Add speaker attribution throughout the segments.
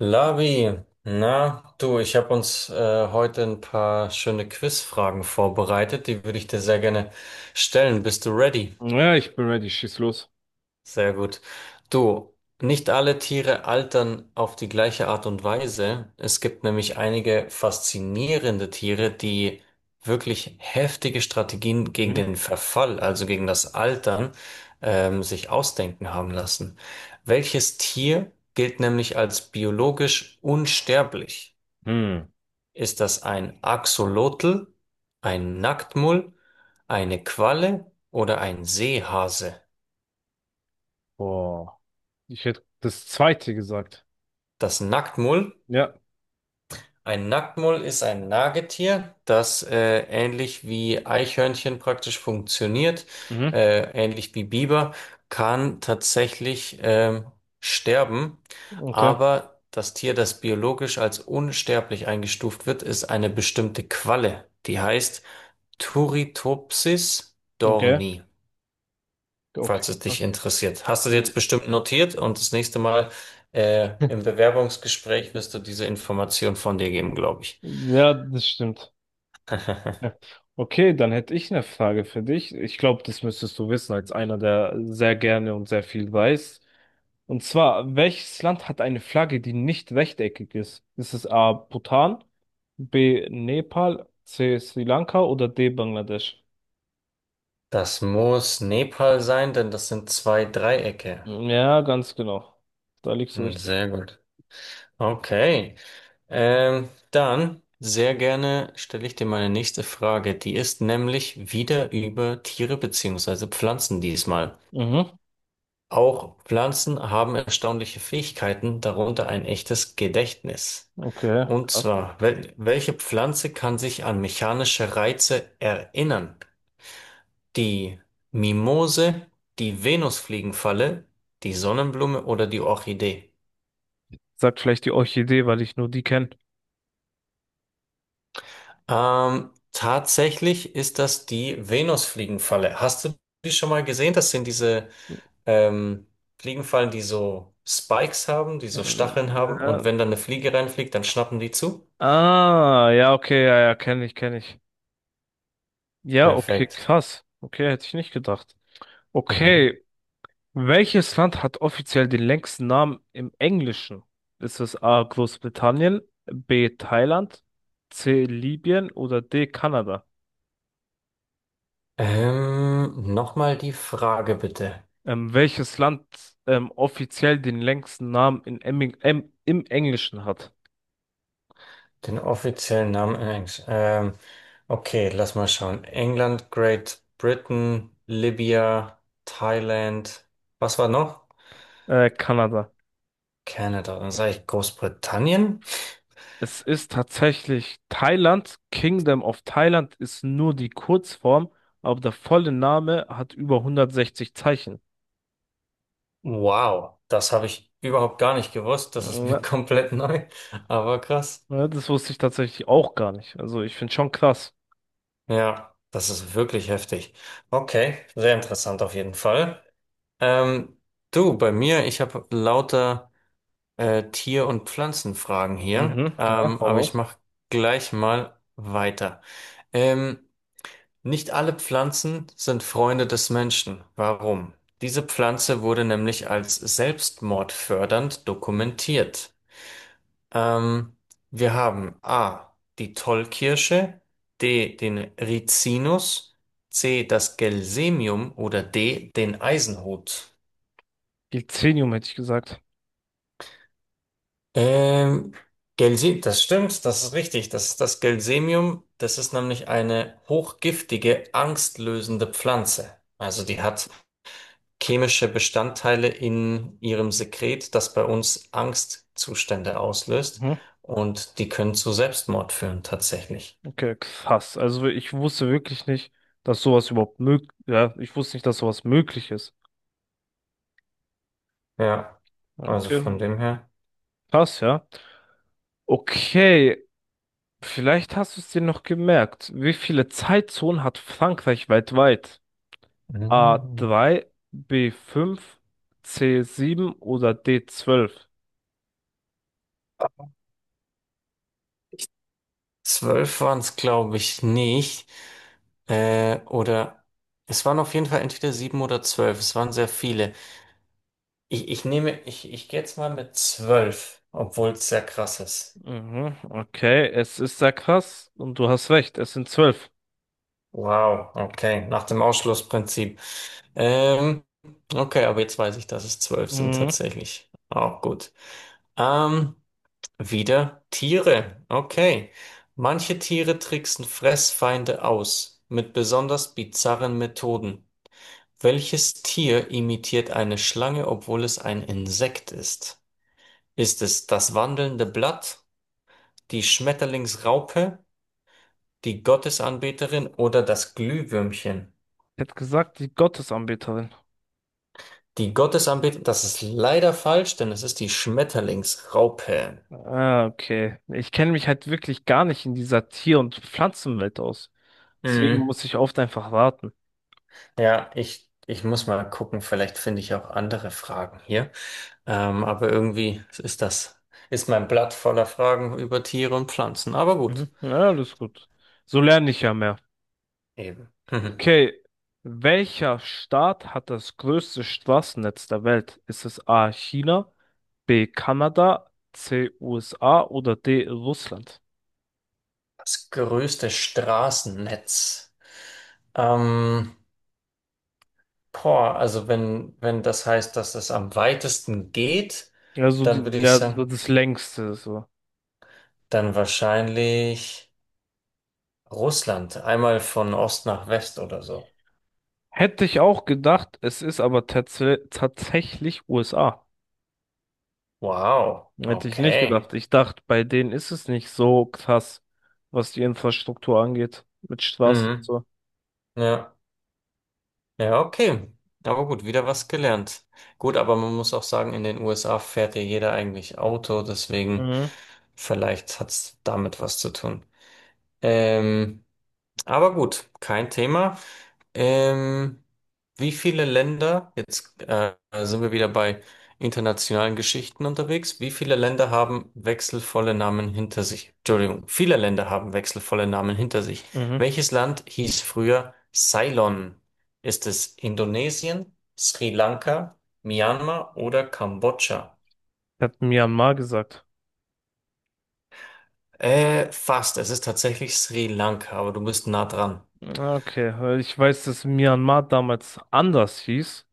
Speaker 1: Lavi, na du, ich habe uns heute ein paar schöne Quizfragen vorbereitet, die würde ich dir sehr gerne stellen. Bist du ready?
Speaker 2: Ja, ich bin ready, schieß los.
Speaker 1: Sehr gut. Du, nicht alle Tiere altern auf die gleiche Art und Weise. Es gibt nämlich einige faszinierende Tiere, die wirklich heftige Strategien gegen
Speaker 2: Mhm.
Speaker 1: den Verfall, also gegen das Altern, sich ausdenken haben lassen. Welches Tier gilt nämlich als biologisch unsterblich?
Speaker 2: Hm.
Speaker 1: Ist das ein Axolotl, ein Nacktmull, eine Qualle oder ein Seehase?
Speaker 2: Boah. Ich hätte das zweite gesagt.
Speaker 1: Das Nacktmull.
Speaker 2: Ja.
Speaker 1: Ein Nacktmull ist ein Nagetier, das ähnlich wie Eichhörnchen praktisch funktioniert,
Speaker 2: Mhm.
Speaker 1: ähnlich wie Biber, kann tatsächlich sterben.
Speaker 2: Okay.
Speaker 1: Aber das Tier, das biologisch als unsterblich eingestuft wird, ist eine bestimmte Qualle. Die heißt Turritopsis
Speaker 2: Okay.
Speaker 1: dorni,
Speaker 2: Okay.
Speaker 1: falls es dich
Speaker 2: Krass.
Speaker 1: interessiert. Hast du jetzt bestimmt notiert und das nächste Mal im Bewerbungsgespräch wirst du diese Information von dir geben, glaube ich.
Speaker 2: Ja, das stimmt. Ja, okay, dann hätte ich eine Frage für dich. Ich glaube, das müsstest du wissen, als einer, der sehr gerne und sehr viel weiß. Und zwar, welches Land hat eine Flagge, die nicht rechteckig ist? Ist es A. Bhutan, B. Nepal, C. Sri Lanka oder D. Bangladesch?
Speaker 1: Das muss Nepal sein, denn das sind zwei Dreiecke.
Speaker 2: Hm, ja, ganz genau. Da liegst du
Speaker 1: Hm,
Speaker 2: richtig.
Speaker 1: sehr gut. Okay. Dann sehr gerne stelle ich dir meine nächste Frage. Die ist nämlich wieder über Tiere beziehungsweise Pflanzen diesmal.
Speaker 2: Mhm.
Speaker 1: Auch Pflanzen haben erstaunliche Fähigkeiten, darunter ein echtes Gedächtnis.
Speaker 2: Okay,
Speaker 1: Und
Speaker 2: krass.
Speaker 1: zwar, welche Pflanze kann sich an mechanische Reize erinnern? Die Mimose, die Venusfliegenfalle, die Sonnenblume oder die Orchidee?
Speaker 2: Sagt vielleicht die Orchidee, weil ich nur die kenne.
Speaker 1: Tatsächlich ist das die Venusfliegenfalle. Hast du die schon mal gesehen? Das sind diese ähm, Fliegenfallen, die so Spikes haben, die so Stacheln haben. Und
Speaker 2: Ja.
Speaker 1: wenn dann eine Fliege reinfliegt, dann schnappen die zu.
Speaker 2: Ah, ja, okay, ja, ja, kenne ich, kenne ich. Ja, okay,
Speaker 1: Perfekt.
Speaker 2: krass. Okay, hätte ich nicht gedacht.
Speaker 1: Mhm.
Speaker 2: Okay, welches Land hat offiziell den längsten Namen im Englischen? Ist es A, Großbritannien, B, Thailand, C, Libyen oder D, Kanada?
Speaker 1: Nochmal die Frage bitte.
Speaker 2: Welches Land offiziell den längsten Namen in im Englischen hat?
Speaker 1: Den offiziellen Namen in Englisch. Okay, lass mal schauen. England, Great Britain, Libya, Thailand. Was war noch?
Speaker 2: Kanada.
Speaker 1: Kanada. Dann sage ich Großbritannien.
Speaker 2: Es ist tatsächlich Thailand. Kingdom of Thailand ist nur die Kurzform, aber der volle Name hat über 160 Zeichen.
Speaker 1: Wow, das habe ich überhaupt gar nicht gewusst. Das ist mir
Speaker 2: Ja,
Speaker 1: komplett neu. Aber krass.
Speaker 2: ja, das wusste ich tatsächlich auch gar nicht. Also ich finde schon krass.
Speaker 1: Ja, das ist wirklich heftig. Okay, sehr interessant auf jeden Fall. Ähm, Du, bei mir, ich habe lauter Tier- und Pflanzenfragen hier,
Speaker 2: Mhm. Ja, hau
Speaker 1: aber ich
Speaker 2: raus.
Speaker 1: mache gleich mal weiter. Ähm, Nicht alle Pflanzen sind Freunde des Menschen. Warum? Diese Pflanze wurde nämlich als selbstmordfördernd dokumentiert. Ähm, Wir haben A, die Tollkirsche, D, den Rizinus, C, das Gelsemium oder D, den Eisenhut.
Speaker 2: Gilzenium hätte ich gesagt.
Speaker 1: Ähm, Gelse, das stimmt, das ist richtig. Das ist das Gelsemium. Das ist nämlich eine hochgiftige, angstlösende Pflanze. Also die hat chemische Bestandteile in ihrem Sekret, das bei uns Angstzustände auslöst.
Speaker 2: Mhm.
Speaker 1: Und die können zu Selbstmord führen, tatsächlich.
Speaker 2: Okay, krass. Also ich wusste wirklich nicht, dass sowas überhaupt möglich, ja, ich wusste nicht, dass sowas möglich ist.
Speaker 1: Ja,
Speaker 2: Ja,
Speaker 1: also von
Speaker 2: okay,
Speaker 1: dem her.
Speaker 2: krass, ja. Okay, vielleicht hast du es dir noch gemerkt. Wie viele Zeitzonen hat Frankreich weltweit? A
Speaker 1: Mhm.
Speaker 2: drei, B fünf, C sieben oder D zwölf?
Speaker 1: Zwölf waren es, glaube ich, nicht. Oder es waren auf jeden Fall entweder sieben oder zwölf. Es waren sehr viele. Ich nehme, ich gehe jetzt mal mit zwölf, obwohl es sehr krass ist.
Speaker 2: Mhm, okay, es ist sehr krass und du hast recht, es sind zwölf.
Speaker 1: Wow, okay, nach dem Ausschlussprinzip. Ähm, okay, aber jetzt weiß ich, dass es zwölf sind
Speaker 2: Mhm.
Speaker 1: tatsächlich. Auch gut. Ähm, Wieder Tiere. Okay. Manche Tiere tricksen Fressfeinde aus mit besonders bizarren Methoden. Welches Tier imitiert eine Schlange, obwohl es ein Insekt ist? Ist es das wandelnde Blatt, die Schmetterlingsraupe? Die Gottesanbeterin oder das Glühwürmchen.
Speaker 2: Ich hätte gesagt, die Gottesanbeterin.
Speaker 1: Die Gottesanbeterin, das ist leider falsch, denn es ist die Schmetterlingsraupe.
Speaker 2: Ah, okay. Ich kenne mich halt wirklich gar nicht in dieser Tier- und Pflanzenwelt aus. Deswegen
Speaker 1: Mhm.
Speaker 2: muss ich oft einfach warten.
Speaker 1: Ja, ich muss mal gucken, vielleicht finde ich auch andere Fragen hier. Aber irgendwie ist das, ist mein Blatt voller Fragen über Tiere und Pflanzen. Aber gut,
Speaker 2: Mhm. Ja, alles gut. So lerne ich ja mehr.
Speaker 1: eben. Mhm.
Speaker 2: Okay, welcher Staat hat das größte Straßennetz der Welt? Ist es A. China, B. Kanada, C. USA oder D. Russland?
Speaker 1: Das größte Straßennetz. Ähm, Boah, also wenn das heißt, dass es am weitesten geht,
Speaker 2: Also
Speaker 1: dann
Speaker 2: die,
Speaker 1: würde ich
Speaker 2: ja, so
Speaker 1: sagen,
Speaker 2: das längste so.
Speaker 1: dann wahrscheinlich Russland, einmal von Ost nach West oder so.
Speaker 2: Hätte ich auch gedacht, es ist aber tatsächlich USA.
Speaker 1: Wow,
Speaker 2: Hätte ich nicht
Speaker 1: okay.
Speaker 2: gedacht. Ich dachte, bei denen ist es nicht so krass, was die Infrastruktur angeht, mit Straßen und
Speaker 1: Mhm.
Speaker 2: so.
Speaker 1: Ja, ja, okay. Aber gut, wieder was gelernt. Gut, aber man muss auch sagen, in den USA fährt ja jeder eigentlich Auto, deswegen
Speaker 2: Mhm,
Speaker 1: vielleicht hat's damit was zu tun. Ähm, Aber gut, kein Thema. Ähm, Wie viele Länder, jetzt sind wir wieder bei internationalen Geschichten unterwegs, wie viele Länder haben wechselvolle Namen hinter sich? Entschuldigung, viele Länder haben wechselvolle Namen hinter sich.
Speaker 2: mhm.
Speaker 1: Welches Land hieß früher Ceylon? Ist es Indonesien, Sri Lanka, Myanmar oder Kambodscha?
Speaker 2: Hat Myanmar gesagt.
Speaker 1: Fast. Es ist tatsächlich Sri Lanka, aber du bist nah dran.
Speaker 2: Okay, weil ich weiß, dass Myanmar damals anders hieß.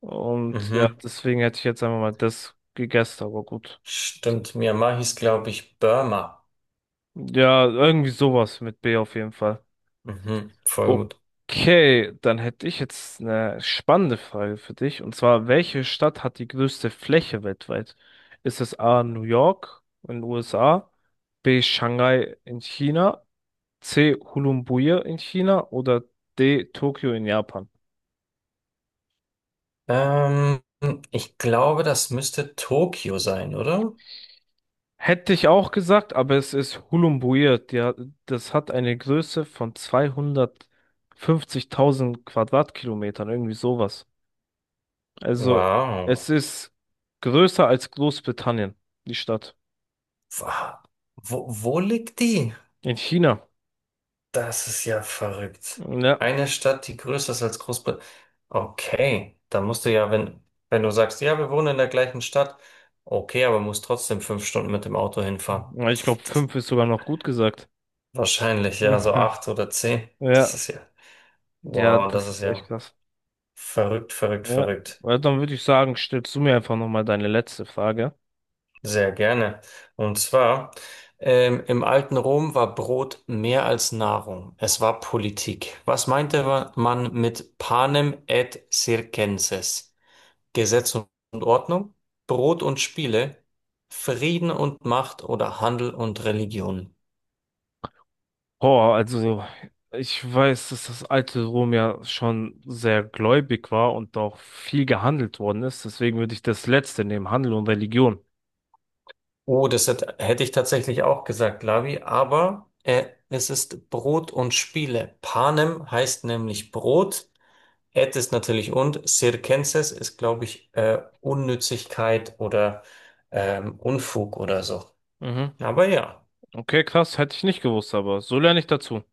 Speaker 2: Und ja,
Speaker 1: Mhm.
Speaker 2: deswegen hätte ich jetzt einfach mal das gegessen, aber gut.
Speaker 1: Stimmt, Myanmar hieß, glaube ich, Burma.
Speaker 2: Ja, irgendwie sowas mit B auf jeden Fall.
Speaker 1: Mhm, voll gut.
Speaker 2: Okay, dann hätte ich jetzt eine spannende Frage für dich. Und zwar, welche Stadt hat die größte Fläche weltweit? Ist es A, New York in den USA, B, Shanghai in China, C, Ulumbui in China oder D, Tokio in Japan?
Speaker 1: Ähm, Ich glaube, das müsste Tokio sein, oder?
Speaker 2: Hätte ich auch gesagt, aber es ist Hulumbuir. Das hat eine Größe von 250.000 Quadratkilometern, irgendwie sowas. Also
Speaker 1: Wow.
Speaker 2: es ist größer als Großbritannien, die Stadt.
Speaker 1: Wa- Wo, wo liegt die?
Speaker 2: In China.
Speaker 1: Das ist ja verrückt.
Speaker 2: Ja,
Speaker 1: Eine Stadt, die größer ist als Großbritannien. Okay, da musst du ja, wenn du sagst, ja, wir wohnen in der gleichen Stadt, okay, aber musst trotzdem fünf Stunden mit dem Auto hinfahren.
Speaker 2: ja, ich glaube,
Speaker 1: Das,
Speaker 2: fünf ist sogar noch gut gesagt.
Speaker 1: wahrscheinlich, ja, so acht oder zehn. Das
Speaker 2: Ja,
Speaker 1: ist ja,
Speaker 2: ja,
Speaker 1: wow, das
Speaker 2: das
Speaker 1: ist
Speaker 2: ist echt
Speaker 1: ja.
Speaker 2: krass.
Speaker 1: Verrückt, verrückt,
Speaker 2: Ja,
Speaker 1: verrückt.
Speaker 2: weil dann würde ich sagen, stellst du mir einfach nochmal deine letzte Frage.
Speaker 1: Sehr gerne. Und zwar, im alten Rom war Brot mehr als Nahrung. Es war Politik. Was meinte man mit panem et circenses? Gesetz und Ordnung, Brot und Spiele, Frieden und Macht oder Handel und Religion.
Speaker 2: Oh, also ich weiß, dass das alte Rom ja schon sehr gläubig war und auch viel gehandelt worden ist. Deswegen würde ich das Letzte nehmen, Handel und Religion.
Speaker 1: Oh, hätte ich tatsächlich auch gesagt, Lavi, aber es ist Brot und Spiele. Panem heißt nämlich Brot. At ist natürlich und, Circenses ist, glaube ich, Unnützigkeit oder Unfug oder so.
Speaker 2: Mhm.
Speaker 1: Aber ja.
Speaker 2: Okay, krass, hätte ich nicht gewusst, aber so lerne ich dazu.